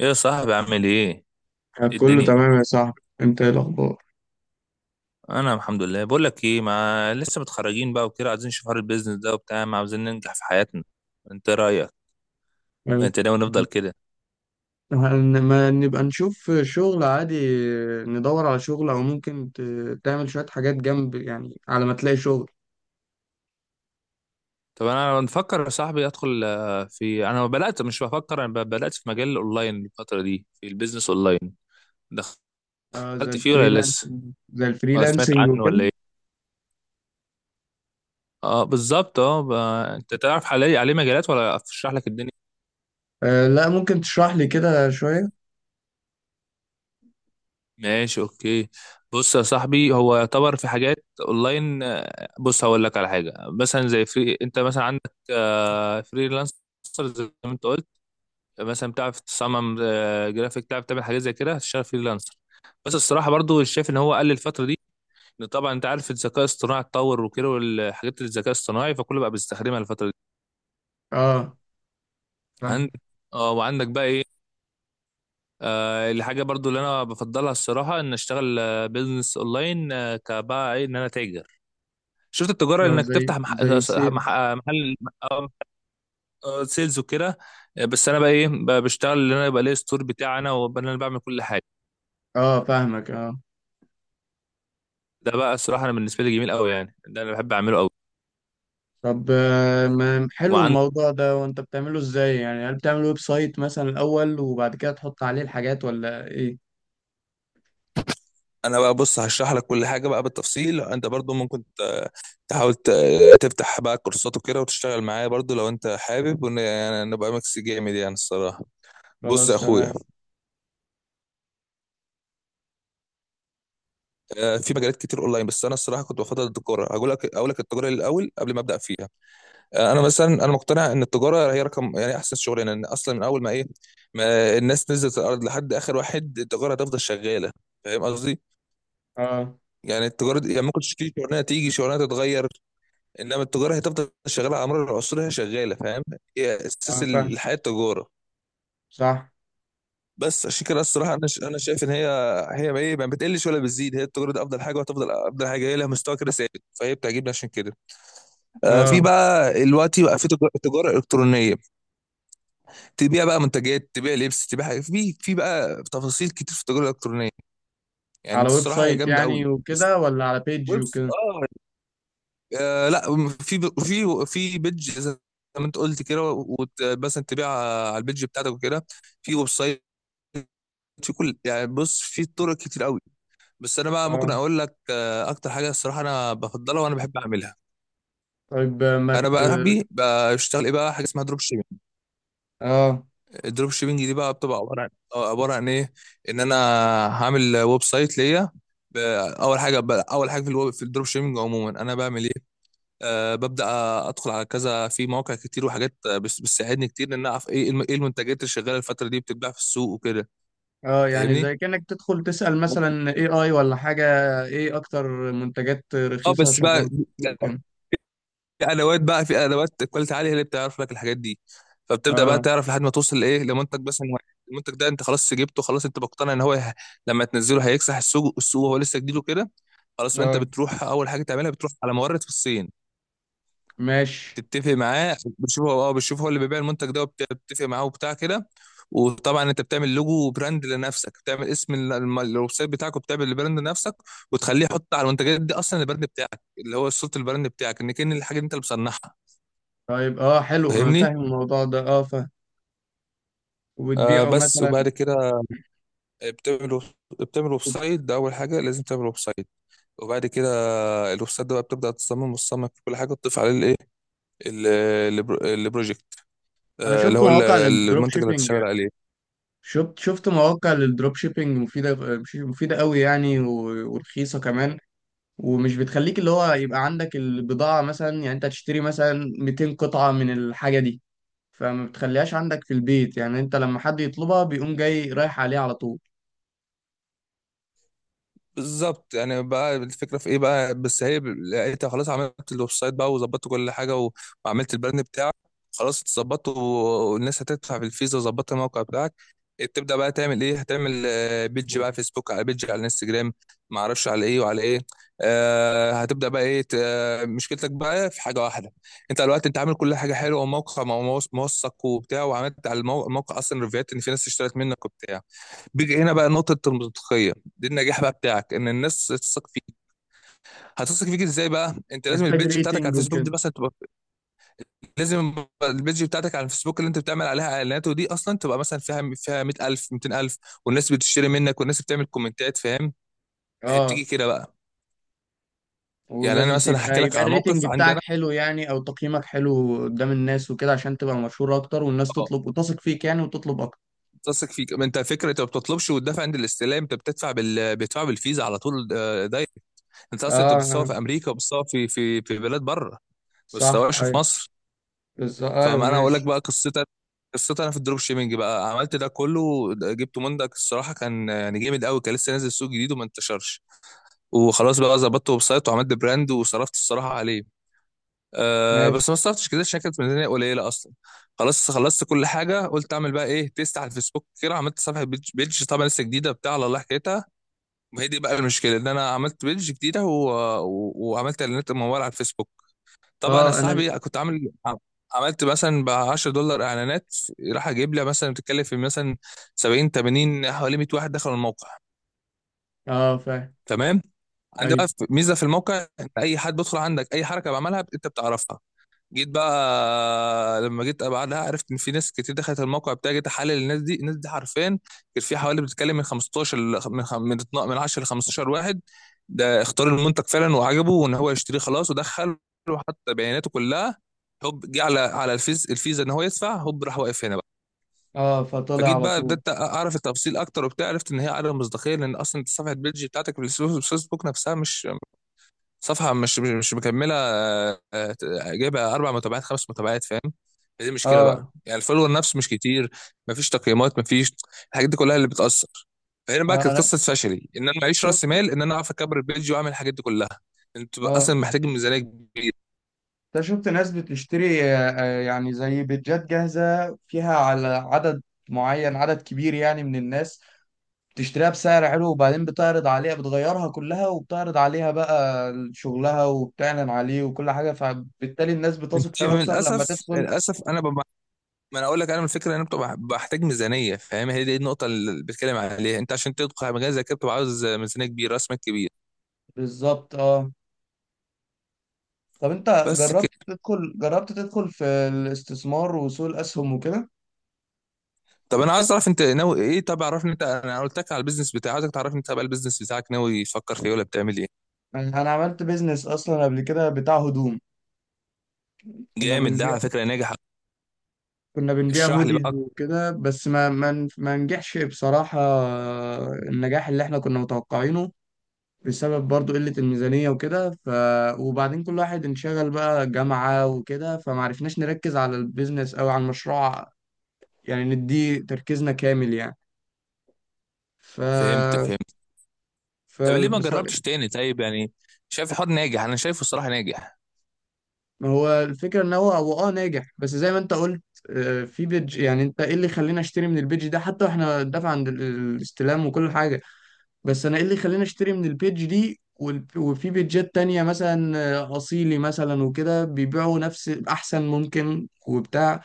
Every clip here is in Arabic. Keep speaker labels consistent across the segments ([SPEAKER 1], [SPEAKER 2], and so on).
[SPEAKER 1] ايه يا صاحبي؟ عامل ايه؟
[SPEAKER 2] آه،
[SPEAKER 1] ايه
[SPEAKER 2] كله
[SPEAKER 1] الدنيا؟
[SPEAKER 2] تمام يا صاحبي. انت ايه الاخبار؟
[SPEAKER 1] انا الحمد لله. بقول لك ايه، ما لسه متخرجين بقى وكده، عايزين نشوف حوار البيزنس ده وبتاع، ما عاوزين ننجح في حياتنا. انت إيه رايك؟
[SPEAKER 2] يعني
[SPEAKER 1] انت ناوي نفضل كده؟
[SPEAKER 2] ما نبقى نشوف شغل عادي، ندور على شغل او ممكن تعمل شوية حاجات جنب يعني على ما تلاقي شغل.
[SPEAKER 1] طب انا بفكر يا صاحبي ادخل، آه، في انا بدات مش بفكر انا ب- بدات في مجال الاونلاين الفتره دي، في البيزنس اونلاين. دخلت
[SPEAKER 2] آه، زي
[SPEAKER 1] فيه ولا لسه؟
[SPEAKER 2] الفريلانسنج. زي
[SPEAKER 1] ولا سمعت
[SPEAKER 2] الفريلانسنج
[SPEAKER 1] عنه
[SPEAKER 2] وكده.
[SPEAKER 1] ولا ايه؟ اه بالظبط. انت تعرف عليه مجالات ولا اشرح لك الدنيا؟
[SPEAKER 2] آه، لا، ممكن تشرح لي كده شوية.
[SPEAKER 1] ماشي، اوكي. بص يا صاحبي، هو يعتبر في حاجات اونلاين، بص هقول لك على حاجه. مثلا زي فري انت مثلا عندك فريلانسر، زي ما انت قلت. مثلا بتعرف تصمم جرافيك، بتعرف تعمل حاجات زي كده، هتشتغل فريلانسر. بس الصراحه برضو شايف ان هو قل الفتره دي. إن طبعا انت عارف الذكاء الاصطناعي اتطور وكده، والحاجات الذكاء الاصطناعي فكله بقى بيستخدمها الفتره دي.
[SPEAKER 2] اه،
[SPEAKER 1] عندك،
[SPEAKER 2] فاهم.
[SPEAKER 1] اه وعندك بقى ايه، الحاجه برضو اللي انا بفضلها الصراحه، ان اشتغل بيزنس اونلاين. كبقى ايه، ان انا تاجر. شفت التجاره،
[SPEAKER 2] اه،
[SPEAKER 1] انك
[SPEAKER 2] زي
[SPEAKER 1] تفتح
[SPEAKER 2] سيلز.
[SPEAKER 1] محل. آه، سيلز وكده. بس انا بقى ايه، بقى بشتغل ان انا يبقى ليا ستور بتاعي انا، وابقى انا اللي بعمل كل حاجه.
[SPEAKER 2] اه، فاهمك، اه.
[SPEAKER 1] ده بقى الصراحه انا بالنسبه لي جميل قوي يعني، ده انا بحب اعمله قوي.
[SPEAKER 2] طب ما حلو
[SPEAKER 1] وعندي
[SPEAKER 2] الموضوع ده. وانت بتعمله ازاي يعني؟ هل بتعمل ويب سايت مثلا الاول وبعد كده تحط عليه الحاجات ولا ايه؟
[SPEAKER 1] انا بقى، بص هشرح لك كل حاجه بقى بالتفصيل. انت برضو ممكن تحاول تفتح بقى كورسات وكده، وتشتغل معايا برضو لو انت حابب، يعني نبقى ميكس جامد يعني الصراحه. بص يا
[SPEAKER 2] خلاص
[SPEAKER 1] اخويا،
[SPEAKER 2] تمام.
[SPEAKER 1] في مجالات كتير اونلاين، بس انا الصراحه كنت بفضل التجاره. هقول لك، اقول لك التجاره الاول قبل ما ابدا فيها. انا مثلا مقتنع ان التجاره هي رقم يعني احسن شغلانه، لان اصلا من اول ما ايه، ما الناس نزلت الارض لحد اخر واحد، التجاره هتفضل شغاله. فاهم قصدي؟
[SPEAKER 2] اه.
[SPEAKER 1] يعني التجاره دي يعني ممكن تشتري شغلانه، تيجي شغلانه تتغير، انما التجاره هتفضل شغاله على مر العصور. هي شغاله، فاهم؟ هي اساس
[SPEAKER 2] اه، فاهم.
[SPEAKER 1] الحياه، التجاره.
[SPEAKER 2] صح.
[SPEAKER 1] بس عشان كده الصراحه انا شايف ان هي، هي ما ايه، ما بتقلش ولا بتزيد، هي التجاره دي افضل حاجه وهتفضل افضل حاجه. هي لها مستوى كده ثابت، فهي بتعجبني عشان كده. آه، في
[SPEAKER 2] اه.
[SPEAKER 1] بقى دلوقتي بقى في تجاره الكترونيه، تبيع بقى منتجات، تبيع لبس، تبيع حاجات، في بقى تفاصيل كتير في التجاره الالكترونيه. يعني دي
[SPEAKER 2] على ويب
[SPEAKER 1] الصراحه هي
[SPEAKER 2] سايت
[SPEAKER 1] جامده
[SPEAKER 2] يعني
[SPEAKER 1] قوي بس.
[SPEAKER 2] وكده، ولا على بيج
[SPEAKER 1] ويبس،
[SPEAKER 2] وكده؟
[SPEAKER 1] اه، لا، في بيدج زي ما انت قلت كده، مثلا تبيع على البيدج بتاعتك وكده، في ويب سايت، في كل، يعني بص في طرق كتير قوي. بس انا بقى ممكن
[SPEAKER 2] اه.
[SPEAKER 1] اقول لك اكتر حاجه الصراحه انا بفضلها وانا بحب اعملها.
[SPEAKER 2] طيب آه، ما
[SPEAKER 1] انا
[SPEAKER 2] ت...
[SPEAKER 1] بقى صاحبي بشتغل ايه بقى، حاجه اسمها دروب شيبنج.
[SPEAKER 2] اه.
[SPEAKER 1] الدروب شيبنج دي بقى بتبقى عباره عن، عباره عن ايه، ان انا هعمل ويب سايت ليا. ب- اول حاجه في الويب في الدروب شيبنج عموما انا بعمل ايه، أه ببدا ادخل على كذا، في مواقع كتير وحاجات، بس بتساعدني كتير ان انا اعرف ايه ايه المنتجات اللي شغاله الفتره دي، بتتباع في السوق وكده.
[SPEAKER 2] اه، يعني
[SPEAKER 1] فاهمني؟
[SPEAKER 2] زي كأنك تدخل تسأل مثلا اي اي ولا حاجة. ايه اكتر منتجات
[SPEAKER 1] اه،
[SPEAKER 2] رخيصة
[SPEAKER 1] بس
[SPEAKER 2] شغالة
[SPEAKER 1] بقى
[SPEAKER 2] في السوق وكده.
[SPEAKER 1] في ادوات بقى، في ادوات كواليتي عاليه، هي اللي بتعرف لك الحاجات دي. فبتبدا بقى
[SPEAKER 2] اه.
[SPEAKER 1] تعرف، لحد ما توصل لايه، لمنتج، بس إن المنتج ده انت خلاص جبته، خلاص انت مقتنع ان لما تنزله هيكسح السوق، وهو لسه جديد وكده. خلاص بقى انت
[SPEAKER 2] اه،
[SPEAKER 1] بتروح، اول حاجه تعملها بتروح على مورد في الصين،
[SPEAKER 2] ماشي.
[SPEAKER 1] تتفق معاه، بتشوف هو اه، بتشوف هو اللي بيبيع المنتج ده، وبتتفق معاه وبتاع كده. وطبعا انت بتعمل لوجو وبراند لنفسك، بتعمل اسم الويب سايت بتاعك، وبتعمل البراند لنفسك، وتخليه يحط على المنتجات دي اصلا البراند بتاعك، اللي هو صوره البراند بتاعك، ان كان الحاجه دي انت اللي بتصنعها.
[SPEAKER 2] طيب، اه، حلو، انا
[SPEAKER 1] فاهمني؟
[SPEAKER 2] فاهم الموضوع ده. اه، فاهم.
[SPEAKER 1] آه،
[SPEAKER 2] وبتبيعه
[SPEAKER 1] بس
[SPEAKER 2] مثلا.
[SPEAKER 1] وبعد كده بتعمل، بتعمل ويب سايت. ده اول حاجه، لازم تعمل ويب سايت، وبعد كده الويب سايت ده بقى بتبدا تصمم، وتصمم في كل حاجه، تضيف عليه الايه، ال- البروجكت،
[SPEAKER 2] انا
[SPEAKER 1] آه اللي
[SPEAKER 2] شفت
[SPEAKER 1] هو
[SPEAKER 2] مواقع للدروب
[SPEAKER 1] المنتج اللي
[SPEAKER 2] شيبينج.
[SPEAKER 1] هتشتغل عليه.
[SPEAKER 2] شفت مواقع للدروب شيبينج مفيدة. مفيدة قوي يعني ورخيصة كمان، ومش بتخليك اللي هو يبقى عندك البضاعة مثلا. يعني انت تشتري مثلا 200 قطعة من الحاجة دي، فما بتخليهاش عندك في البيت. يعني انت لما حد يطلبها بيقوم جاي رايح عليه على طول.
[SPEAKER 1] بالظبط. يعني بقى الفكره في ايه بقى، بس هي لقيتها. خلاص عملت الويب سايت بقى، وظبطت كل حاجه، وعملت البراند بتاعك، خلاص اتظبطت، والناس هتدفع في الفيزا، وظبطت الموقع بتاعك. تبدا بقى تعمل ايه، هتعمل بيدج بقى فيسبوك، على بيدج على انستجرام، ما اعرفش على ايه وعلى ايه. آه هتبدا بقى ايه، مشكلتك بقى في حاجه واحده، انت دلوقتي انت عامل كل حاجه حلوه، وموقع موثق وبتاع، وعملت على الموقع اصلا ريفيوهات ان في ناس اشترت منك وبتاع. بيجي هنا بقى نقطة المنطقية، دي النجاح بقى بتاعك، ان الناس تثق فيك. هتثق فيك ازاي بقى، انت لازم
[SPEAKER 2] محتاج
[SPEAKER 1] البيج بتاعتك على
[SPEAKER 2] ريتنج
[SPEAKER 1] الفيسبوك دي
[SPEAKER 2] وكده.
[SPEAKER 1] مثلا تبقى، لازم البيج بتاعتك على الفيسبوك اللي انت بتعمل عليها اعلانات، ودي اصلا تبقى مثلا فيها 100,000 200,000، والناس بتشتري منك، والناس بتعمل كومنتات. فاهم؟ هي بتيجي
[SPEAKER 2] اه.
[SPEAKER 1] كده بقى. يعني انا
[SPEAKER 2] ولازم
[SPEAKER 1] مثلا هحكي
[SPEAKER 2] تبقى،
[SPEAKER 1] لك
[SPEAKER 2] يبقى
[SPEAKER 1] على
[SPEAKER 2] الريتنج
[SPEAKER 1] موقف
[SPEAKER 2] بتاعك
[SPEAKER 1] عندنا.
[SPEAKER 2] حلو يعني، او تقييمك حلو قدام الناس وكده، عشان تبقى مشهور اكتر والناس
[SPEAKER 1] اه،
[SPEAKER 2] تطلب وتثق فيك يعني وتطلب اكتر.
[SPEAKER 1] تثق فيك، ما انت فكره انت ما بتطلبش وتدفع عند الاستلام، انت بتدفع بتدفع بالفيزا على طول، دايركت. انت اصلا انت
[SPEAKER 2] اه.
[SPEAKER 1] بتصور
[SPEAKER 2] آه،
[SPEAKER 1] في امريكا، وبتصور في في بلاد بره، ما
[SPEAKER 2] صح،
[SPEAKER 1] بتصورش في
[SPEAKER 2] ايوه.
[SPEAKER 1] مصر.
[SPEAKER 2] بالظبط، ايوه،
[SPEAKER 1] فما انا هقول لك
[SPEAKER 2] ماشي.
[SPEAKER 1] بقى قصتي. قصتي انا في الدروب شيبنج بقى، عملت ده كله. جبته مندك الصراحه، كان يعني جامد قوي، كان لسه نازل سوق جديد وما انتشرش. وخلاص بقى ظبطت ويب سايت، وعملت براند، وصرفت الصراحه عليه. أه بس
[SPEAKER 2] ماشي.
[SPEAKER 1] ما صرفتش كده عشان كانت ميزانيه قليله اصلا. خلاص خلصت كل حاجه، قلت اعمل بقى ايه، تيست على الفيسبوك كده. عملت صفحه بيج طبعا لسه جديده، بتاع على الله حكايتها. وهي دي بقى المشكله، ان انا عملت بيج جديده، وعملت اعلانات مموله على الفيسبوك. طبعا يا
[SPEAKER 2] اه. انا
[SPEAKER 1] صاحبي كنت عامل، عملت مثلا ب $10 اعلانات، راح اجيب لي مثلا، بتتكلم في مثلا 70 80، حوالي 100 واحد دخلوا الموقع.
[SPEAKER 2] اه، فاهم.
[SPEAKER 1] تمام. عندي
[SPEAKER 2] ايوه.
[SPEAKER 1] بقى ميزه في الموقع، ان اي حد بيدخل عندك، اي حركه بعملها انت بتعرفها. جيت بقى لما جيت بعدها، عرفت ان في ناس كتير دخلت الموقع بتاعي. جيت احلل الناس دي، الناس دي حرفيا كان في حوالي بتتكلم من 15 ل- من خم- من 12 من 10 ل 15 واحد، ده اختار المنتج فعلا وعجبه وان هو يشتريه، خلاص ودخل وحط بياناته كلها، هوب جه على على الفيزا ان هو يدفع، هوب راح، واقف هنا بقى.
[SPEAKER 2] اه، فطلع
[SPEAKER 1] فجيت
[SPEAKER 2] على
[SPEAKER 1] بقى
[SPEAKER 2] طول.
[SPEAKER 1] بدات اعرف التفاصيل اكتر وبتاع، عرفت ان هي عدم مصداقيه، لان اصلا صفحه البيج بتاعتك في الفيسبوك نفسها مش مكمله، جايبه اربع متابعات خمس متابعات. فاهم؟ دي مشكله
[SPEAKER 2] اه،
[SPEAKER 1] بقى، يعني الفولور نفسه مش كتير، مفيش تقييمات، مفيش. الحاجات دي كلها اللي بتاثر. فهنا بقى كانت
[SPEAKER 2] انا
[SPEAKER 1] قصه فشلي، ان انا معيش
[SPEAKER 2] شفت.
[SPEAKER 1] راس مال، ان انا اعرف اكبر البيج واعمل الحاجات دي كلها. انت بقى
[SPEAKER 2] اه،
[SPEAKER 1] اصلا محتاج ميزانيه كبيره.
[SPEAKER 2] انت شفت ناس بتشتري يعني زي بيتجات جاهزة فيها على عدد معين، عدد كبير يعني من الناس، بتشتريها بسعر حلو، وبعدين بتعرض عليها، بتغيرها كلها وبتعرض عليها بقى شغلها وبتعلن عليه، وكل حاجة. فبالتالي الناس بتثق
[SPEAKER 1] انت
[SPEAKER 2] فيه
[SPEAKER 1] من
[SPEAKER 2] أكتر لما
[SPEAKER 1] الاسف
[SPEAKER 2] تدخل.
[SPEAKER 1] للاسف ما انا اقول لك، انا من الفكره ان انا بتبقى بحتاج ميزانيه. فاهم؟ هي دي النقطه اللي بتكلم عليها انت، عشان تدخل على مجال زي كده بتبقى عاوز ميزانيه كبيره، راس مال كبير.
[SPEAKER 2] بالظبط، اه. طب انت
[SPEAKER 1] بس.
[SPEAKER 2] جربت تدخل، في الاستثمار وسوق الأسهم وكده؟
[SPEAKER 1] طب انا عايز اعرف انت ناوي ايه، طب عرفني انت، انا قلت لك على البيزنس بتاعي، عايزك تعرفني انت بقى البيزنس بتاعك ناوي يفكر في ايه، ولا بتعمل ايه.
[SPEAKER 2] يعني أنا عملت بيزنس أصلا قبل كده بتاع هدوم. كنا
[SPEAKER 1] جامد ده
[SPEAKER 2] بنبيع
[SPEAKER 1] على فكره، ناجح.
[SPEAKER 2] كنا بنبيع
[SPEAKER 1] اشرح لي
[SPEAKER 2] هوديز
[SPEAKER 1] بقى.
[SPEAKER 2] وكده، بس ما نجحش بصراحة النجاح اللي احنا كنا متوقعينه، بسبب برضو قلة الميزانية وكده. ف، وبعدين كل واحد انشغل بقى جامعة وكده، فمعرفناش نركز على البيزنس أو على المشروع، يعني نديه تركيزنا كامل يعني. ف.
[SPEAKER 1] فهمت فهمت.
[SPEAKER 2] ف.
[SPEAKER 1] طب ليه ما
[SPEAKER 2] بص-
[SPEAKER 1] جربتش تاني طيب يعني؟ شايف الحوار ناجح، انا شايفه الصراحه ناجح.
[SPEAKER 2] ما هو الفكرة ان هو اه ناجح، بس زي ما انت قلت، في بيج. يعني انت ايه اللي خلينا اشتري من البيج ده حتى واحنا دافع عند الاستلام وكل حاجة؟ بس انا ايه اللي خلاني اشتري من البيج دي؟ وفي بيجات تانية مثلا آه، اصيلي مثلا وكده بيبيعوا نفس احسن ممكن وبتاع.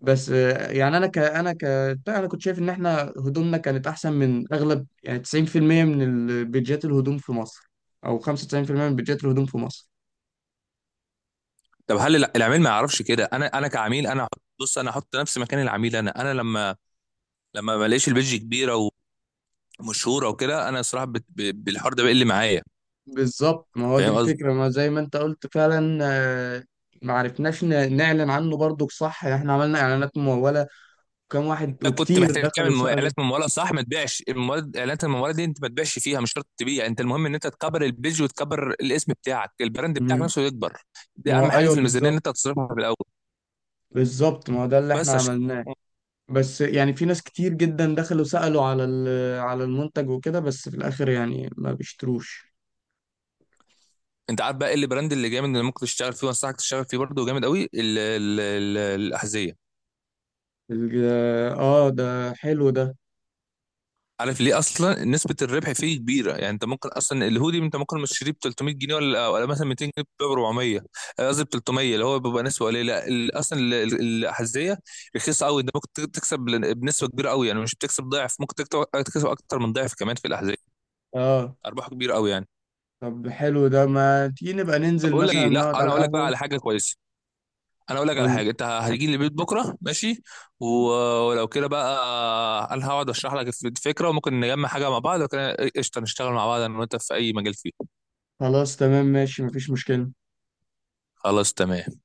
[SPEAKER 2] بس آه، يعني انا ك انا ك بتاع، انا كنت شايف ان احنا هدومنا كانت احسن من اغلب، يعني 90% من البيجات الهدوم في مصر، او 95% من بيجات الهدوم في مصر.
[SPEAKER 1] طب هل العميل ما يعرفش كده، انا كعميل، بص انا احط نفسي مكان العميل، انا انا لما لما ما الاقيش البيدج كبيره ومشهوره وكده، انا الصراحه بالحوار ده بيقل معايا.
[SPEAKER 2] بالظبط، ما هو دي
[SPEAKER 1] فاهم؟
[SPEAKER 2] الفكرة، ما زي ما انت قلت فعلا. آه، ما عرفناش نعلن عنه برضو صح. احنا عملنا اعلانات ممولة، وكم واحد
[SPEAKER 1] كنت
[SPEAKER 2] وكتير
[SPEAKER 1] محتاج تعمل
[SPEAKER 2] دخلوا سألوا.
[SPEAKER 1] اعلانات مموله، صح؟ ما تبيعش المواد، اعلانات المموله دي انت ما تبيعش فيها، مش شرط تبيع انت، المهم ان انت تكبر البيج، وتكبر الاسم بتاعك، البراند بتاعك نفسه يكبر. دي
[SPEAKER 2] ما هو
[SPEAKER 1] اهم حاجه
[SPEAKER 2] ايوه،
[SPEAKER 1] في الميزانيه، ان انت
[SPEAKER 2] بالظبط.
[SPEAKER 1] تصرفها في الاول.
[SPEAKER 2] بالظبط، ما هو ده اللي
[SPEAKER 1] بس
[SPEAKER 2] احنا
[SPEAKER 1] عشان،
[SPEAKER 2] عملناه. بس يعني في ناس كتير جدا دخلوا سألوا على على المنتج وكده، بس في الاخر يعني ما بيشتروش.
[SPEAKER 1] انت عارف بقى ايه البراند اللي جامد اللي ممكن تشتغل فيه، وانصحك تشتغل فيه برضه جامد قوي، الاحذيه.
[SPEAKER 2] ال-. اه، ده حلو ده.
[SPEAKER 1] عارف ليه؟ اصلا نسبه الربح فيه كبيره يعني. انت ممكن اصلا الهودي انت ممكن مش تشتريه ب 300 جنيه، ولا مثلا 200 جنيه ب 400، قصدي ب 300، اللي هو بيبقى نسبه قليله. لا، اصلا الحذاء رخيصه قوي، انت ممكن تكسب بنسبه كبيره قوي يعني، مش بتكسب ضعف، ممكن تكسب اكتر من ضعف كمان في الاحذيه.
[SPEAKER 2] اه،
[SPEAKER 1] ارباح كبيره قوي يعني.
[SPEAKER 2] طب حلو ده، ما تيجي نبقى
[SPEAKER 1] طب
[SPEAKER 2] ننزل
[SPEAKER 1] بقول لك
[SPEAKER 2] مثلا
[SPEAKER 1] ايه، لا
[SPEAKER 2] نقعد
[SPEAKER 1] انا
[SPEAKER 2] على
[SPEAKER 1] اقول لك بقى
[SPEAKER 2] القهوة؟
[SPEAKER 1] على حاجه كويسه، انا اقول لك على
[SPEAKER 2] قول.
[SPEAKER 1] حاجه، انت هتيجي لي البيت بكره ماشي، و- ولو كده بقى انا هقعد اشرح لك الفكره، وممكن نجمع حاجه مع بعض وكده، قشطه نشتغل مع بعض انا وانت في اي مجال فيه.
[SPEAKER 2] خلاص تمام، ماشي، مفيش مشكلة.
[SPEAKER 1] خلاص تمام.